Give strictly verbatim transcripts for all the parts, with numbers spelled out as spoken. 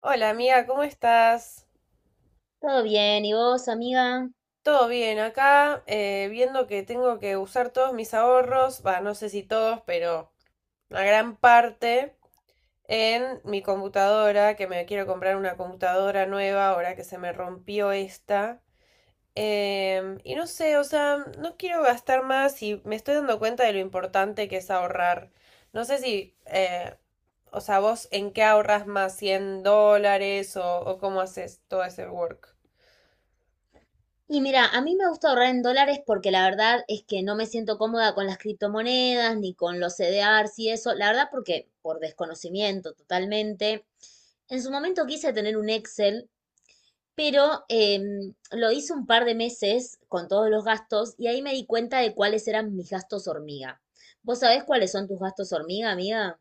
Hola amiga, ¿cómo estás? Todo bien, ¿y vos, amiga? Todo bien acá, eh, viendo que tengo que usar todos mis ahorros, va, no sé si todos, pero una gran parte en mi computadora, que me quiero comprar una computadora nueva ahora que se me rompió esta. Em, y no sé, o sea, no quiero gastar más y me estoy dando cuenta de lo importante que es ahorrar. No sé si, eh, o sea, vos en qué ahorras más, cien dólares o, o cómo haces todo ese work. Y mira, a mí me gusta ahorrar en dólares porque la verdad es que no me siento cómoda con las criptomonedas ni con los C D Rs y eso, la verdad porque por desconocimiento totalmente. En su momento quise tener un Excel, pero em, lo hice un par de meses con todos los gastos y ahí me di cuenta de cuáles eran mis gastos hormiga. ¿Vos sabés cuáles son tus gastos hormiga, amiga?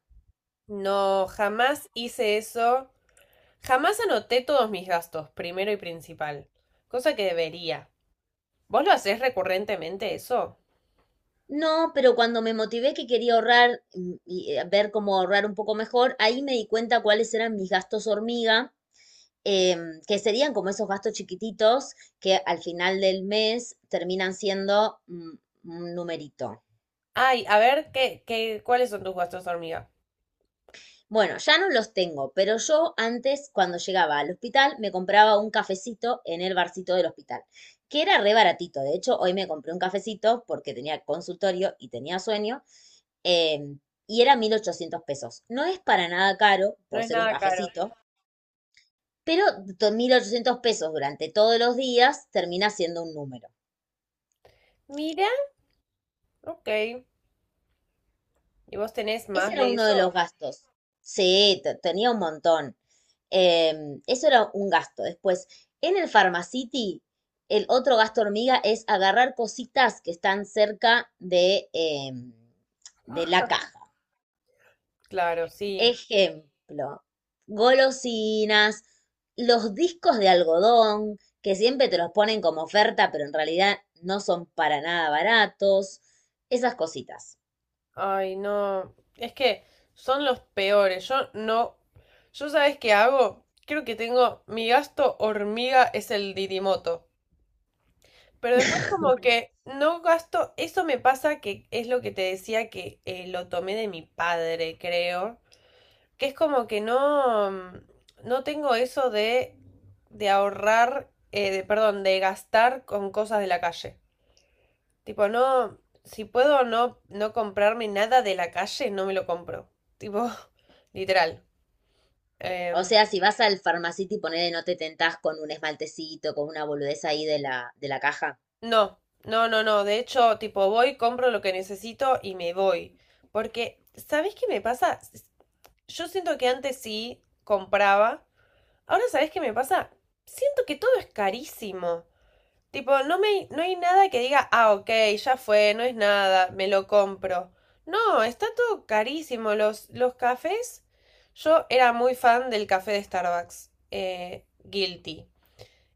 No, jamás hice eso. Jamás anoté todos mis gastos, primero y principal. Cosa que debería. ¿Vos lo hacés recurrentemente eso? No, pero cuando me motivé que quería ahorrar mm, y eh, ver cómo ahorrar un poco mejor, ahí me di cuenta cuáles eran mis gastos hormiga, em, que serían como esos gastos chiquititos que al final del mes terminan siendo mm, un numerito. Ay, a ver, ¿qué, qué, cuáles son tus gastos, hormiga? Bueno, ya no los tengo, pero yo antes, cuando llegaba al hospital, me compraba un cafecito en el barcito del hospital, que era re baratito. De hecho, hoy me compré un cafecito porque tenía consultorio y tenía sueño. Eh, y era mil ochocientos pesos. No es para nada caro No por es ser un nada caro. cafecito, pero mil ochocientos pesos durante todos los días termina siendo un número. Mira. Ok. ¿Y vos tenés Ese más era de uno eso? de los gastos. Sí, tenía un montón. Em, eso era un gasto. Después, en el Pharmacity, el otro gasto hormiga es agarrar cositas que están cerca de, em, de la caja. Claro, sí. Ejemplo, golosinas, los discos de algodón, que siempre te los ponen como oferta, pero en realidad no son para nada baratos, esas cositas. Ay, no. Es que son los peores. Yo no. ¿Yo sabes qué hago? Creo que tengo. Mi gasto hormiga es el Didimoto. Pero después como que no gasto. Eso me pasa que es lo que te decía que eh, lo tomé de mi padre, creo. Que es como que no. mm, No tengo eso de. De ahorrar. Eh, de, perdón, de gastar con cosas de la calle. Tipo, no, si puedo no, no comprarme nada de la calle, no me lo compro. Tipo, literal. O Em, sea, si vas al Pharmacity, ponele, no te tentás con un esmaltecito, con una boludez ahí de la, de la caja. no, no, no, no. De hecho, tipo, voy, compro lo que necesito y me voy. Porque, ¿sabés qué me pasa? S- Yo siento que antes sí compraba. Ahora, ¿sabés qué me pasa? Siento que todo es carísimo. Tipo, no me, no hay nada que diga, ah, ok, ya fue, no es nada, me lo compro. No, está todo carísimo. Los, los cafés, yo era muy fan del café de Starbucks, eh, guilty.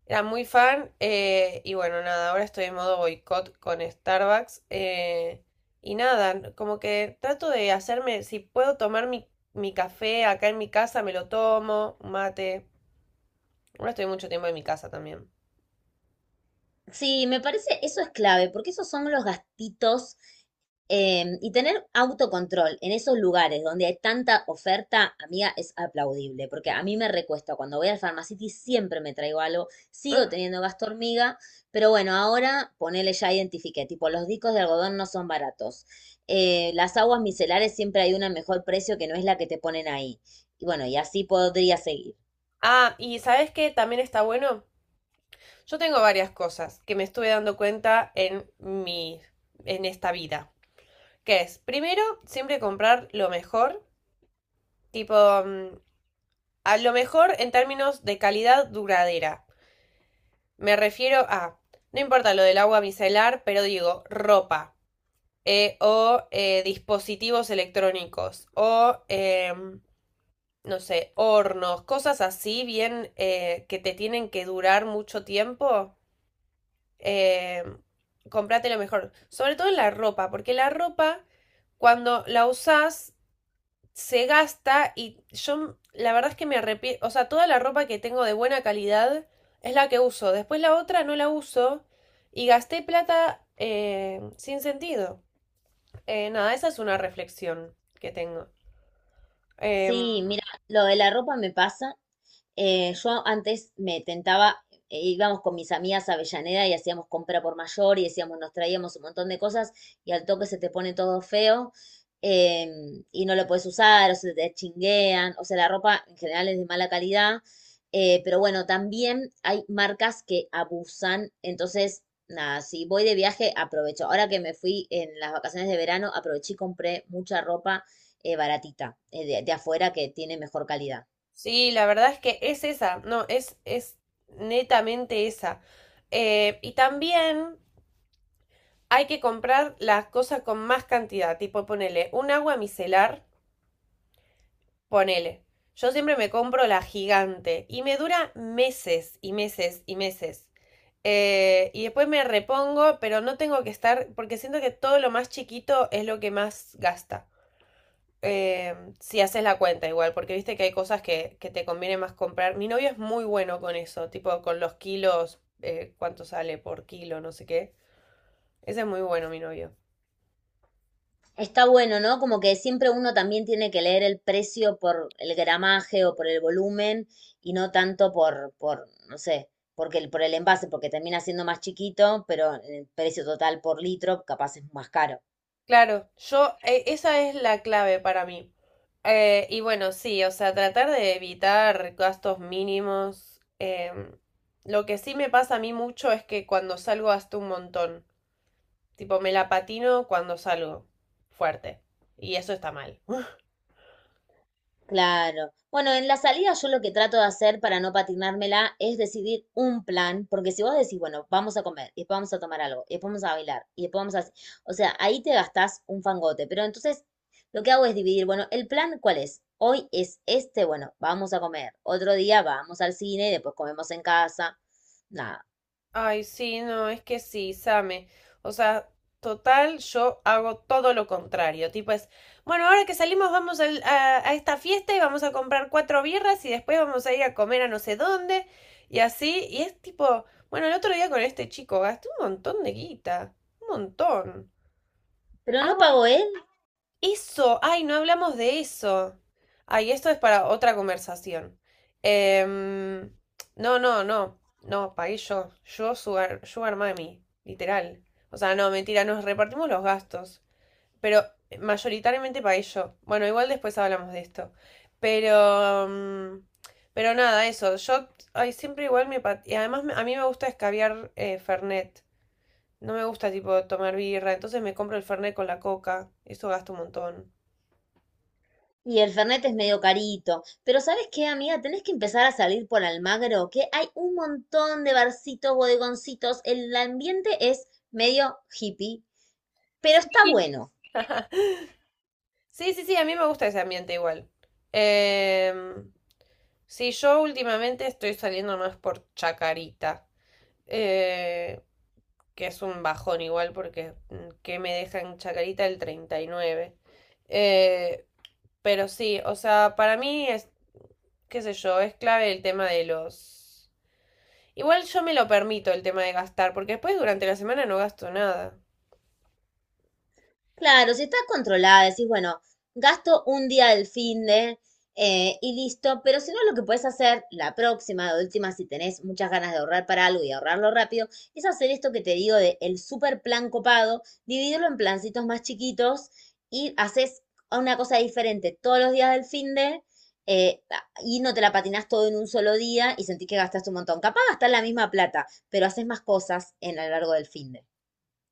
Era muy fan eh, y bueno, nada, ahora estoy en modo boicot con Starbucks. Eh, y nada, como que trato de hacerme, si puedo tomar mi, mi café acá en mi casa, me lo tomo, un mate. Ahora estoy mucho tiempo en mi casa también. Sí, me parece, eso es clave, porque esos son los gastitos em, y tener autocontrol en esos lugares donde hay tanta oferta, amiga, es aplaudible, porque a mí me recuesta. Cuando voy al Pharmacity siempre me traigo algo, sigo teniendo gasto hormiga, pero bueno, ahora ponele ya identifiqué, tipo los discos de algodón no son baratos. Eh, las aguas micelares siempre hay una mejor precio que no es la que te ponen ahí. Y bueno, y así podría seguir. Ah, ¿y sabes qué también está bueno? Yo tengo varias cosas que me estuve dando cuenta en mi, en esta vida. Que es, primero, siempre comprar lo mejor, tipo, mm, a lo mejor en términos de calidad duradera. Me refiero a, no importa lo del agua micelar, pero digo, ropa, eh, o eh, dispositivos electrónicos, o, em, no sé, hornos, cosas así bien eh, que te tienen que durar mucho tiempo eh, comprate lo mejor. Sobre todo en la ropa, porque la ropa, cuando la usás, se gasta y yo la verdad es que me arrepiento, o sea, toda la ropa que tengo de buena calidad es la que uso, después la otra no la uso y gasté plata eh, sin sentido. Eh, nada, esa es una reflexión que tengo. Em, Sí, mira, lo de la ropa me pasa. Eh, yo antes me tentaba, eh, íbamos con mis amigas a Avellaneda y hacíamos compra por mayor y decíamos, nos traíamos un montón de cosas y al toque se te pone todo feo, em, y no lo puedes usar o se te chinguean. O sea, la ropa en general es de mala calidad. Eh, pero bueno, también hay marcas que abusan. Entonces, nada, si voy de viaje, aprovecho. Ahora que me fui en las vacaciones de verano, aproveché y compré mucha ropa eh, baratita, eh, de de afuera que tiene mejor calidad. sí, la verdad es que es esa, no, es, es netamente esa. Eh, y también hay que comprar las cosas con más cantidad. Tipo, ponele un agua micelar, ponele. Yo siempre me compro la gigante y me dura meses y meses y meses. Eh, y después me repongo, pero no tengo que estar, porque siento que todo lo más chiquito es lo que más gasta. Eh, si haces la cuenta igual, porque viste que hay cosas que, que te conviene más comprar. Mi novio es muy bueno con eso, tipo con los kilos, eh, cuánto sale por kilo, no sé qué. Ese es muy bueno, mi novio. Está bueno, ¿no? Como que siempre uno también tiene que leer el precio por el gramaje o por el volumen y no tanto por, por, no sé, porque el, por el envase, porque termina siendo más chiquito, pero el precio total por litro capaz es más caro. Claro, yo, eh, esa es la clave para mí. Eh, y bueno, sí, o sea, tratar de evitar gastos mínimos. Em, lo que sí me pasa a mí mucho es que cuando salgo gasto un montón. Tipo, me la patino cuando salgo fuerte. Y eso está mal. Claro. Bueno, en la salida yo lo que trato de hacer para no patinármela es decidir un plan, porque si vos decís, bueno, vamos a comer, y después vamos a tomar algo, y después vamos a bailar, y después vamos a. O sea, ahí te gastás un fangote, pero entonces lo que hago es dividir, bueno, el plan, ¿cuál es? Hoy es este, bueno, vamos a comer, otro día vamos al cine, después comemos en casa, nada. Ay, sí, no, es que sí, Same. O sea, total, yo hago todo lo contrario. Tipo es, bueno, ahora que salimos vamos al- a, a esta fiesta y vamos a comprar cuatro birras y después vamos a ir a comer a no sé dónde y así. Y es tipo, bueno, el otro día con este chico gasté un montón de guita, un montón. Pero no pago, ¿eh? Eso, ay, no hablamos de eso. Ay, esto es para otra conversación. Em, no, no, no, no, pagué yo. Yo, Sugar, Sugar Mami, literal. O sea, no, mentira, nos repartimos los gastos. Pero mayoritariamente pagué yo. Bueno, igual después hablamos de esto. Pero, mm, pero nada, eso. Yo, ay, siempre igual me... pat- Y además me- A mí me gusta escabiar eh, Fernet. No me gusta, tipo, tomar birra. Entonces me compro el Fernet con la coca. Eso gasto un montón. Y el Fernet es medio carito. Pero ¿sabes qué, amiga? Tenés que empezar a salir por Almagro, que hay un montón de barcitos, bodegoncitos. El ambiente es medio hippie, pero está Sí. bueno. Sí, sí, sí, a mí me gusta ese ambiente igual. Em, sí, yo últimamente estoy saliendo más por Chacarita, eh, que es un bajón igual porque mm, que me dejan Chacarita el treinta y nueve. Eh, pero sí, o sea, para mí es, qué sé yo, es clave el tema de los... Igual yo me lo permito el tema de gastar, porque después durante la semana no gasto nada. Claro, si está controlada, decís, bueno, gasto un día del finde de eh, y listo, pero si no, lo que podés hacer la próxima, de última, si tenés muchas ganas de ahorrar para algo y ahorrarlo rápido, es hacer esto que te digo de el super plan copado, dividirlo en plancitos más chiquitos y haces una cosa diferente todos los días del finde de eh, y no te la patinas todo en un solo día y sentís que gastaste un montón. Capaz gastás la misma plata, pero haces más cosas en a lo largo del finde.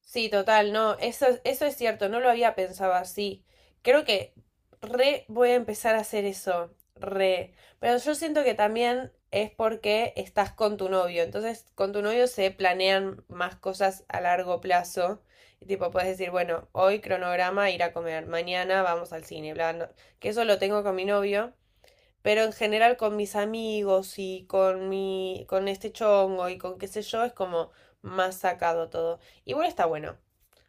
Sí, total, no, eso, eso es cierto, no lo había pensado así. Creo que re voy a empezar a hacer eso, re. Pero yo siento que también es porque estás con tu novio, entonces con tu novio se planean más cosas a largo plazo. Y tipo, puedes decir, bueno, hoy cronograma, ir a comer, mañana vamos al cine, bla, no- que eso lo tengo con mi novio, pero en general con mis amigos y con mi, con este chongo y con qué sé yo, es como más sacado todo. Igual está bueno.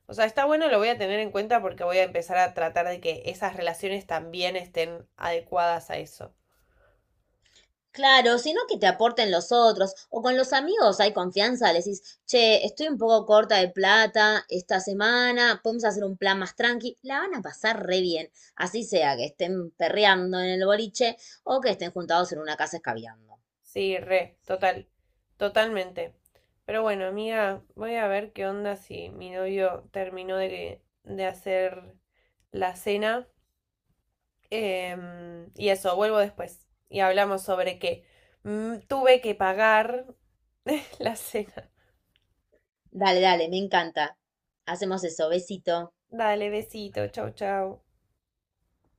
O sea, está bueno, lo voy a tener en cuenta porque voy a empezar a tratar de que esas relaciones también estén adecuadas a eso. Claro, sino que te aporten los otros, o con los amigos hay confianza, le decís, che, estoy un poco corta de plata esta semana, podemos hacer un plan más tranqui, la van a pasar re bien, así sea que estén perreando en el boliche o que estén juntados en una casa escabeando. Sí, re, total, totalmente. Pero bueno, amiga, voy a ver qué onda si mi novio terminó de, de hacer la cena. Em, y eso, vuelvo después. Y hablamos sobre que mm, tuve que pagar la cena. Dale, dale, me encanta. Hacemos eso, besito. Dale, besito, chau, chau.